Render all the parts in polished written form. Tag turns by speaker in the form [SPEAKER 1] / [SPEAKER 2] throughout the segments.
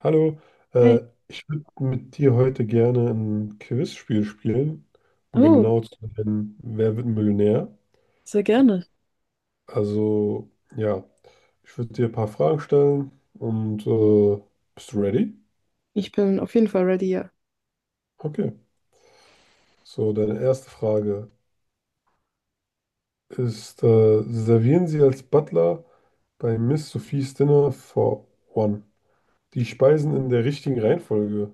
[SPEAKER 1] Hallo, äh,
[SPEAKER 2] Hey.
[SPEAKER 1] ich würde mit dir heute gerne ein Quizspiel spielen, um
[SPEAKER 2] Oh,
[SPEAKER 1] genau zu nennen, wer wird Millionär?
[SPEAKER 2] sehr gerne.
[SPEAKER 1] Also, ja, ich würde dir ein paar Fragen stellen und bist du ready?
[SPEAKER 2] Ich bin auf jeden Fall ready, ja.
[SPEAKER 1] Okay, so deine erste Frage ist, servieren Sie als Butler bei Miss Sophies Dinner for One die Speisen in der richtigen Reihenfolge?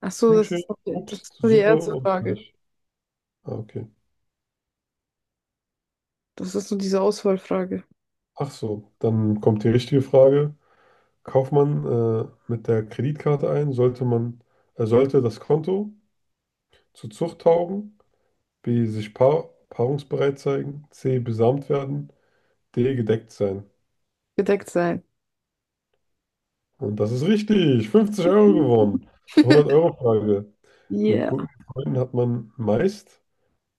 [SPEAKER 2] Ach so,
[SPEAKER 1] Hühnchen,
[SPEAKER 2] das
[SPEAKER 1] Obst,
[SPEAKER 2] ist nur die
[SPEAKER 1] Suppe
[SPEAKER 2] erste
[SPEAKER 1] und
[SPEAKER 2] Frage.
[SPEAKER 1] Fleisch. Ah, okay.
[SPEAKER 2] Das ist nur diese Auswahlfrage.
[SPEAKER 1] Ach so, dann kommt die richtige Frage. Kauft man mit der Kreditkarte ein, sollte das Konto zu Zucht taugen, B, sich paarungsbereit zeigen, C, besamt werden, D, gedeckt sein.
[SPEAKER 2] Gedeckt sein.
[SPEAKER 1] Und das ist richtig. 50 Euro gewonnen. Zur hundert euro frage. Mit
[SPEAKER 2] Yeah.
[SPEAKER 1] guten Freunden hat man meist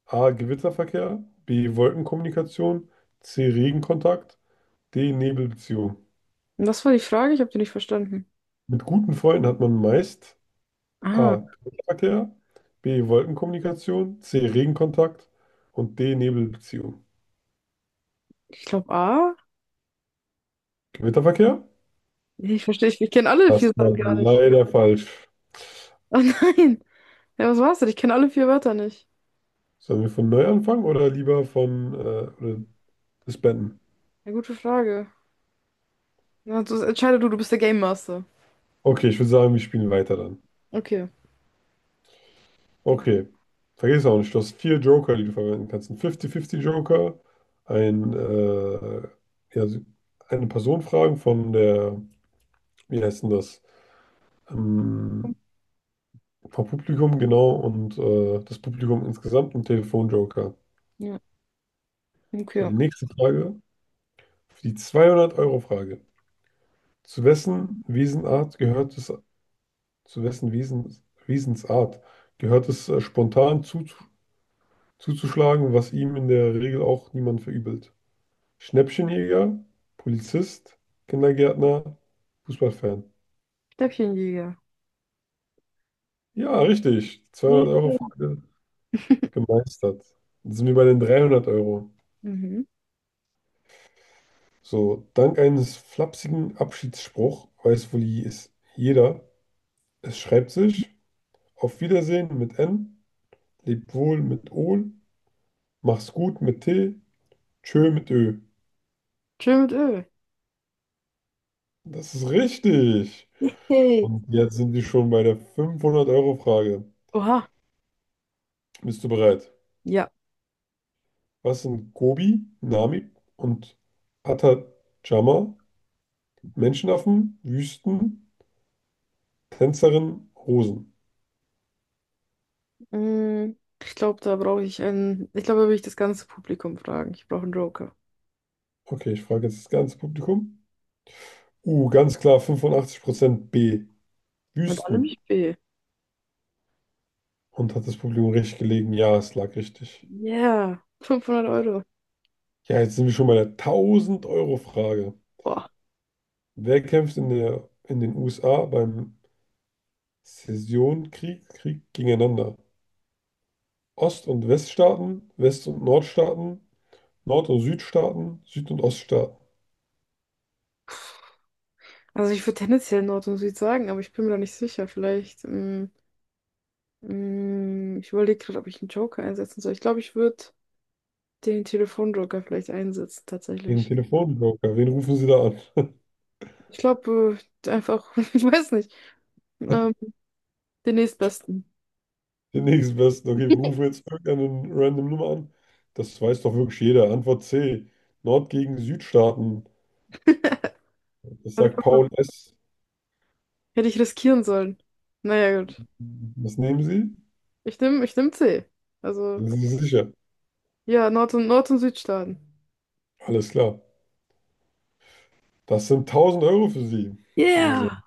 [SPEAKER 1] A, Gewitterverkehr, B, Wolkenkommunikation, C, Regenkontakt, D, Nebelbeziehung.
[SPEAKER 2] Und was war die Frage? Ich habe die nicht verstanden.
[SPEAKER 1] Mit guten Freunden hat man meist
[SPEAKER 2] Ah,
[SPEAKER 1] A. Verkehr, B. Wolkenkommunikation, C. Regenkontakt und D. Nebelbeziehung.
[SPEAKER 2] ich glaube A.
[SPEAKER 1] Gewitterverkehr?
[SPEAKER 2] Nee, ich verstehe, ich kenne alle
[SPEAKER 1] Das
[SPEAKER 2] vier
[SPEAKER 1] war
[SPEAKER 2] Sachen gar nicht.
[SPEAKER 1] leider falsch.
[SPEAKER 2] Oh nein. Ja, was war's denn? Ich kenne alle vier Wörter nicht.
[SPEAKER 1] Sollen wir von neu anfangen oder lieber von oder disbanden?
[SPEAKER 2] Ja, gute Frage. Na, du, entscheide du, du bist der Game Master.
[SPEAKER 1] Okay, ich würde sagen, wir spielen weiter dann.
[SPEAKER 2] Okay.
[SPEAKER 1] Okay, vergiss auch nicht, du hast vier Joker, die du verwenden kannst. Ein 50-50-Joker, ein, äh, ja, so, eine Person fragen von der, wie heißt denn das? Ähm, Vom Publikum, genau, und das Publikum insgesamt ein Telefonjoker.
[SPEAKER 2] Ja.
[SPEAKER 1] So, die
[SPEAKER 2] Okay.
[SPEAKER 1] nächste Frage, die 200-Euro-Frage. Zu wessen Wesenart gehört es, zu wessen Wesens, Wesensart gehört es, spontan zuzuschlagen, was ihm in der Regel auch niemand verübelt? Schnäppchenjäger, Polizist, Kindergärtner, Fußballfan.
[SPEAKER 2] Stäbchenjäger.
[SPEAKER 1] Ja, richtig.
[SPEAKER 2] Yeah.
[SPEAKER 1] 200-Euro-Frage gemeistert. Jetzt sind wir bei den 300 Euro.
[SPEAKER 2] Mhm.
[SPEAKER 1] So, dank eines flapsigen Abschiedsspruch weiß wohl es jeder. Es schreibt sich Auf Wiedersehen mit N, lebt wohl mit O, mach's gut mit T, tschö mit Ö.
[SPEAKER 2] Chill mit Öl.
[SPEAKER 1] Das ist richtig.
[SPEAKER 2] Hey.
[SPEAKER 1] Und jetzt sind wir schon bei der 500-Euro-Frage.
[SPEAKER 2] Oha.
[SPEAKER 1] Bist du bereit?
[SPEAKER 2] Ja.
[SPEAKER 1] Was sind Gobi, Namib und Atacama? Menschenaffen, Wüsten, Tänzerinnen, Rosen.
[SPEAKER 2] Mm, Ich glaube, da brauche ich einen. Ich glaube, da will ich das ganze Publikum fragen. Ich brauche einen Joker.
[SPEAKER 1] Okay, ich frage jetzt das ganze Publikum. Ganz klar 85% B.
[SPEAKER 2] Mit allem
[SPEAKER 1] Wüsten.
[SPEAKER 2] ich B.
[SPEAKER 1] Und hat das Publikum recht gelegen? Ja, es lag richtig.
[SPEAKER 2] Yeah, 500 Euro.
[SPEAKER 1] Ja, jetzt sind wir schon bei der 1000 Euro frage.
[SPEAKER 2] Boah.
[SPEAKER 1] Wer kämpft in den USA beim Sessionkrieg, Krieg gegeneinander? Ost- und Weststaaten, West- und Nordstaaten, Nord- und Südstaaten, Süd- und Oststaaten.
[SPEAKER 2] Also ich würde tendenziell Nord und Süd sagen, aber ich bin mir da nicht sicher. Vielleicht, ich überlege gerade, ob ich einen Joker einsetzen soll. Ich glaube, ich würde den Telefonjoker vielleicht einsetzen,
[SPEAKER 1] Den
[SPEAKER 2] tatsächlich.
[SPEAKER 1] Telefonjoker, wen rufen Sie da an?
[SPEAKER 2] Ich glaube, einfach, ich weiß nicht, ähm, den nächstbesten.
[SPEAKER 1] Den nächsten besten. Okay, wir rufen jetzt irgendeine random Nummer an. Das weiß doch wirklich jeder. Antwort C. Nord gegen Südstaaten. Das
[SPEAKER 2] Hätte
[SPEAKER 1] sagt
[SPEAKER 2] ich
[SPEAKER 1] Paul S.
[SPEAKER 2] hätte ich riskieren sollen. Naja, gut.
[SPEAKER 1] Was nehmen Sie?
[SPEAKER 2] Ich nehm C. Also.
[SPEAKER 1] Sind Sie sicher?
[SPEAKER 2] Ja, Nord- und Südstaaten.
[SPEAKER 1] Alles klar. Das sind 1000 Euro für Sie.
[SPEAKER 2] Yeah.
[SPEAKER 1] Also,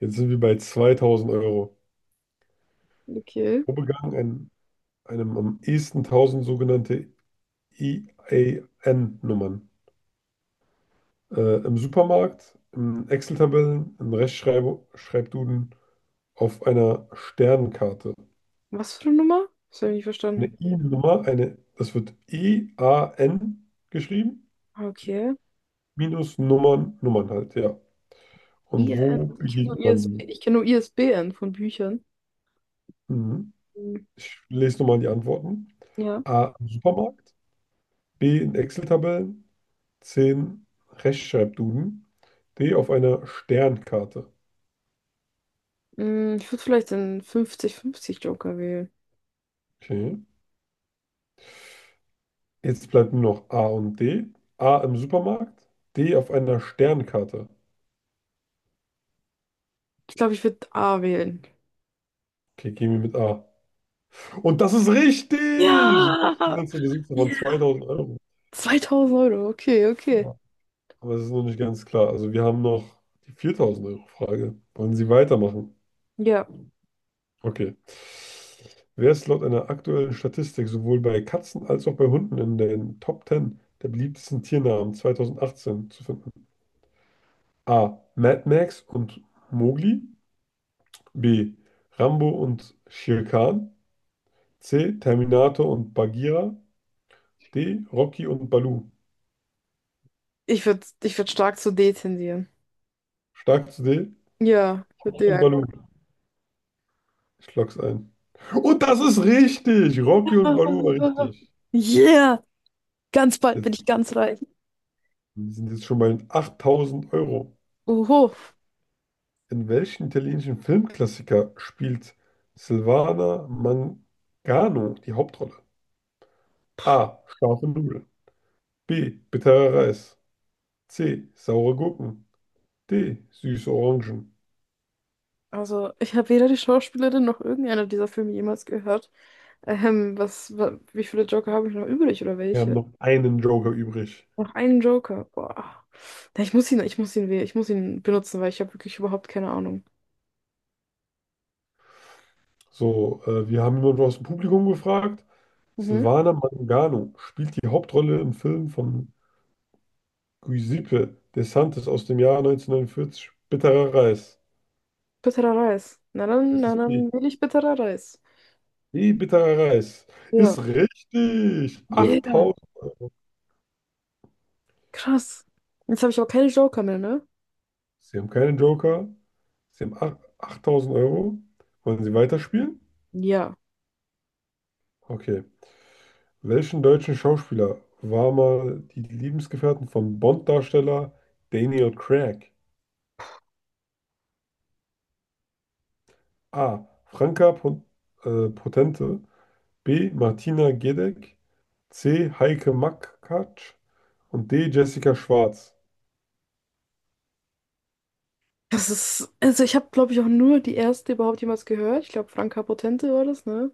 [SPEAKER 1] jetzt sind wir bei 2000 Euro.
[SPEAKER 2] Okay.
[SPEAKER 1] Wo begann einem am ehesten 1000 sogenannte IAN-Nummern? Im Supermarkt, in Excel-Tabellen, in Rechtschreibduden, auf einer Sternkarte.
[SPEAKER 2] Was für eine Nummer? Das habe ich nicht
[SPEAKER 1] Eine
[SPEAKER 2] verstanden.
[SPEAKER 1] I-Nummer, eine, das wird EAN geschrieben,
[SPEAKER 2] Ah, okay.
[SPEAKER 1] minus Nummern, Nummern halt, ja. Und
[SPEAKER 2] IRN.
[SPEAKER 1] wo
[SPEAKER 2] Ich kenne nur
[SPEAKER 1] begegnet man
[SPEAKER 2] ISB,
[SPEAKER 1] die?
[SPEAKER 2] ich kenn nur ISBN von Büchern.
[SPEAKER 1] Mhm.
[SPEAKER 2] Hm.
[SPEAKER 1] Ich lese nochmal die Antworten.
[SPEAKER 2] Ja.
[SPEAKER 1] A, im Supermarkt, B, in Excel-Tabellen, C, in Rechtschreibduden, D, auf einer Sternkarte.
[SPEAKER 2] Ich würde vielleicht den 50:50 Joker wählen.
[SPEAKER 1] Okay. Jetzt bleibt nur noch A und D. A im Supermarkt, D auf einer Sternkarte.
[SPEAKER 2] Ich glaube, ich würde A wählen.
[SPEAKER 1] Okay, gehen wir mit A. Und das ist richtig!
[SPEAKER 2] Ja.
[SPEAKER 1] Das ist der Besitzer von
[SPEAKER 2] Yeah.
[SPEAKER 1] 2000 Euro.
[SPEAKER 2] 2000 Euro. Okay, okay.
[SPEAKER 1] Aber es ist noch nicht ganz klar. Also wir haben noch die 4000 Euro frage. Wollen Sie weitermachen?
[SPEAKER 2] Ja.
[SPEAKER 1] Okay. Wer ist laut einer aktuellen Statistik sowohl bei Katzen als auch bei Hunden in den Top 10 der beliebtesten Tiernamen 2018 zu finden? A. Mad Max und Mowgli. B. Rambo und Shere Khan. C. Terminator und Bagheera. D. Rocky und Baloo.
[SPEAKER 2] Ich würd stark zu D tendieren.
[SPEAKER 1] Stark zu D.
[SPEAKER 2] Ja, ich würde
[SPEAKER 1] Rocky
[SPEAKER 2] D
[SPEAKER 1] und
[SPEAKER 2] einloggen.
[SPEAKER 1] Baloo. Ich lock's ein. Und das ist richtig. Rocky und Baloo war
[SPEAKER 2] Ah.
[SPEAKER 1] richtig.
[SPEAKER 2] Yeah. Ganz bald bin
[SPEAKER 1] Jetzt
[SPEAKER 2] ich ganz reich.
[SPEAKER 1] sind jetzt schon mal 8000 Euro.
[SPEAKER 2] Oho.
[SPEAKER 1] In welchem italienischen Filmklassiker spielt Silvana Mangano die Hauptrolle? A. Scharfe Nudeln. B. Bitterer Reis. C. Saure Gurken. D. Süße Orangen.
[SPEAKER 2] Also, ich habe weder die Schauspielerin noch irgendeiner dieser Filme jemals gehört. Wie viele Joker habe ich noch übrig oder
[SPEAKER 1] Wir haben
[SPEAKER 2] welche?
[SPEAKER 1] noch einen Joker übrig.
[SPEAKER 2] Noch einen Joker. Boah. Ja, ich muss ihn benutzen, weil ich habe wirklich überhaupt keine Ahnung.
[SPEAKER 1] So, wir haben jemanden aus dem Publikum gefragt.
[SPEAKER 2] Mhm.
[SPEAKER 1] Silvana Mangano spielt die Hauptrolle im Film von Giuseppe De Santis aus dem Jahr 1949. Bitterer Reis.
[SPEAKER 2] Bitterer Reis. Na dann,
[SPEAKER 1] Das
[SPEAKER 2] na
[SPEAKER 1] ist B.
[SPEAKER 2] dann will ich bitterer Reis.
[SPEAKER 1] Wie bitterer Reis.
[SPEAKER 2] Ja.
[SPEAKER 1] Ist richtig.
[SPEAKER 2] Yeah.
[SPEAKER 1] 8000.
[SPEAKER 2] Krass. Jetzt habe ich aber keine Joker mehr, ne?
[SPEAKER 1] Sie haben keinen Joker. 8000 Euro. Wollen Sie weiterspielen?
[SPEAKER 2] Ja.
[SPEAKER 1] Okay. Welchen deutschen Schauspieler war mal die Lebensgefährtin von Bond-Darsteller Daniel Craig? A. Franka Potente. B. Martina Gedeck. C. Heike Makatsch. Und D. Jessica Schwarz.
[SPEAKER 2] Das ist, also ich habe, glaube ich, auch nur die erste überhaupt jemals gehört. Ich glaube, Franka Potente war das, ne?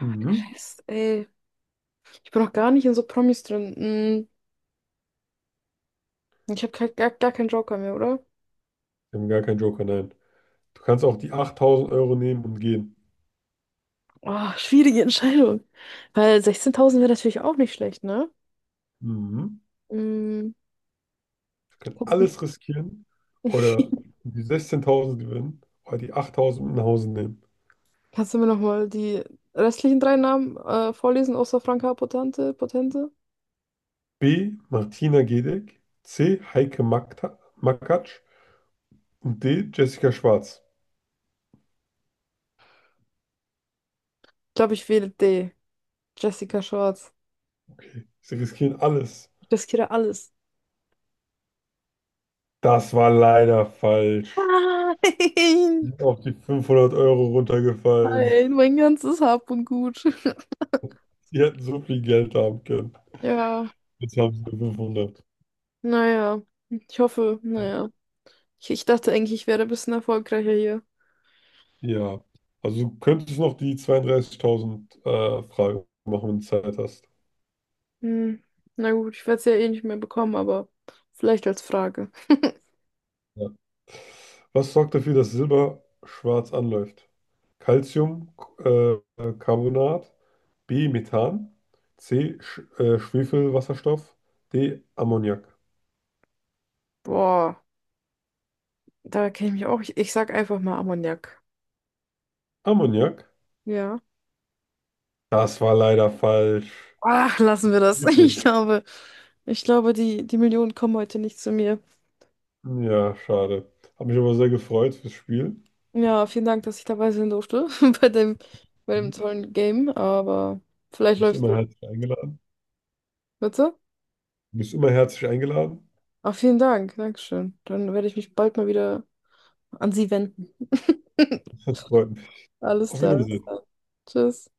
[SPEAKER 1] Mhm.
[SPEAKER 2] Rest, ey. Ich bin noch gar nicht in so Promis drin. Hm. Ich habe gar, gar, gar keinen Joker mehr, oder?
[SPEAKER 1] Sie haben gar keinen Joker, nein. Du kannst auch die 8000 Euro nehmen und gehen.
[SPEAKER 2] Oh, schwierige Entscheidung. Weil 16.000 wäre natürlich auch nicht schlecht, ne?
[SPEAKER 1] Mhm.
[SPEAKER 2] Mm,
[SPEAKER 1] Wir können
[SPEAKER 2] kannst, du-
[SPEAKER 1] alles riskieren oder die 16.000 gewinnen oder die 8.000 mit nach Hause nehmen.
[SPEAKER 2] Kannst du mir nochmal die restlichen drei Namen vorlesen, außer Franka Potente?
[SPEAKER 1] B. Martina Gedeck, C. Makatsch und D. Jessica Schwarz.
[SPEAKER 2] Ich glaube, ich wähle D. Jessica Schwarz.
[SPEAKER 1] Okay, sie riskieren alles.
[SPEAKER 2] Ich riskiere alles.
[SPEAKER 1] Das war leider falsch. Sie
[SPEAKER 2] Nein!
[SPEAKER 1] sind auf die 500 Euro runtergefallen.
[SPEAKER 2] Nein, mein ganzes Hab und Gut.
[SPEAKER 1] Die hätten so viel Geld haben können.
[SPEAKER 2] Ja,
[SPEAKER 1] Jetzt haben sie nur 500.
[SPEAKER 2] naja. Ich hoffe, naja. Ich dachte eigentlich, ich wäre ein bisschen erfolgreicher hier.
[SPEAKER 1] Ja, also du könntest noch die 32.000 Frage machen, wenn du Zeit hast.
[SPEAKER 2] Hm. Na gut, ich werde es ja eh nicht mehr bekommen, aber vielleicht als Frage.
[SPEAKER 1] Ja. Was sorgt dafür, dass Silber schwarz anläuft? Calcium, äh, Carbonat, B, Methan, C, Schwefelwasserstoff, D, Ammoniak.
[SPEAKER 2] Boah, da kenne ich mich auch. Ich sag einfach mal Ammoniak.
[SPEAKER 1] Ammoniak?
[SPEAKER 2] Ja.
[SPEAKER 1] Das war leider falsch.
[SPEAKER 2] Ach, lassen wir das.
[SPEAKER 1] Schwefel.
[SPEAKER 2] Ich glaube, die Millionen kommen heute nicht zu mir.
[SPEAKER 1] Ja, schade. Hab mich aber sehr gefreut fürs Spiel.
[SPEAKER 2] Ja, vielen Dank, dass ich dabei sein durfte bei dem, bei dem
[SPEAKER 1] Du
[SPEAKER 2] tollen Game. Aber vielleicht
[SPEAKER 1] bist
[SPEAKER 2] läuft's.
[SPEAKER 1] immer
[SPEAKER 2] Es.
[SPEAKER 1] herzlich eingeladen.
[SPEAKER 2] Bitte?
[SPEAKER 1] Du bist immer herzlich eingeladen.
[SPEAKER 2] Ach, vielen Dank. Dankeschön. Dann werde ich mich bald mal wieder an Sie wenden.
[SPEAKER 1] Das freut mich.
[SPEAKER 2] Alles
[SPEAKER 1] Auf
[SPEAKER 2] klar.
[SPEAKER 1] Wiedersehen.
[SPEAKER 2] Tschüss.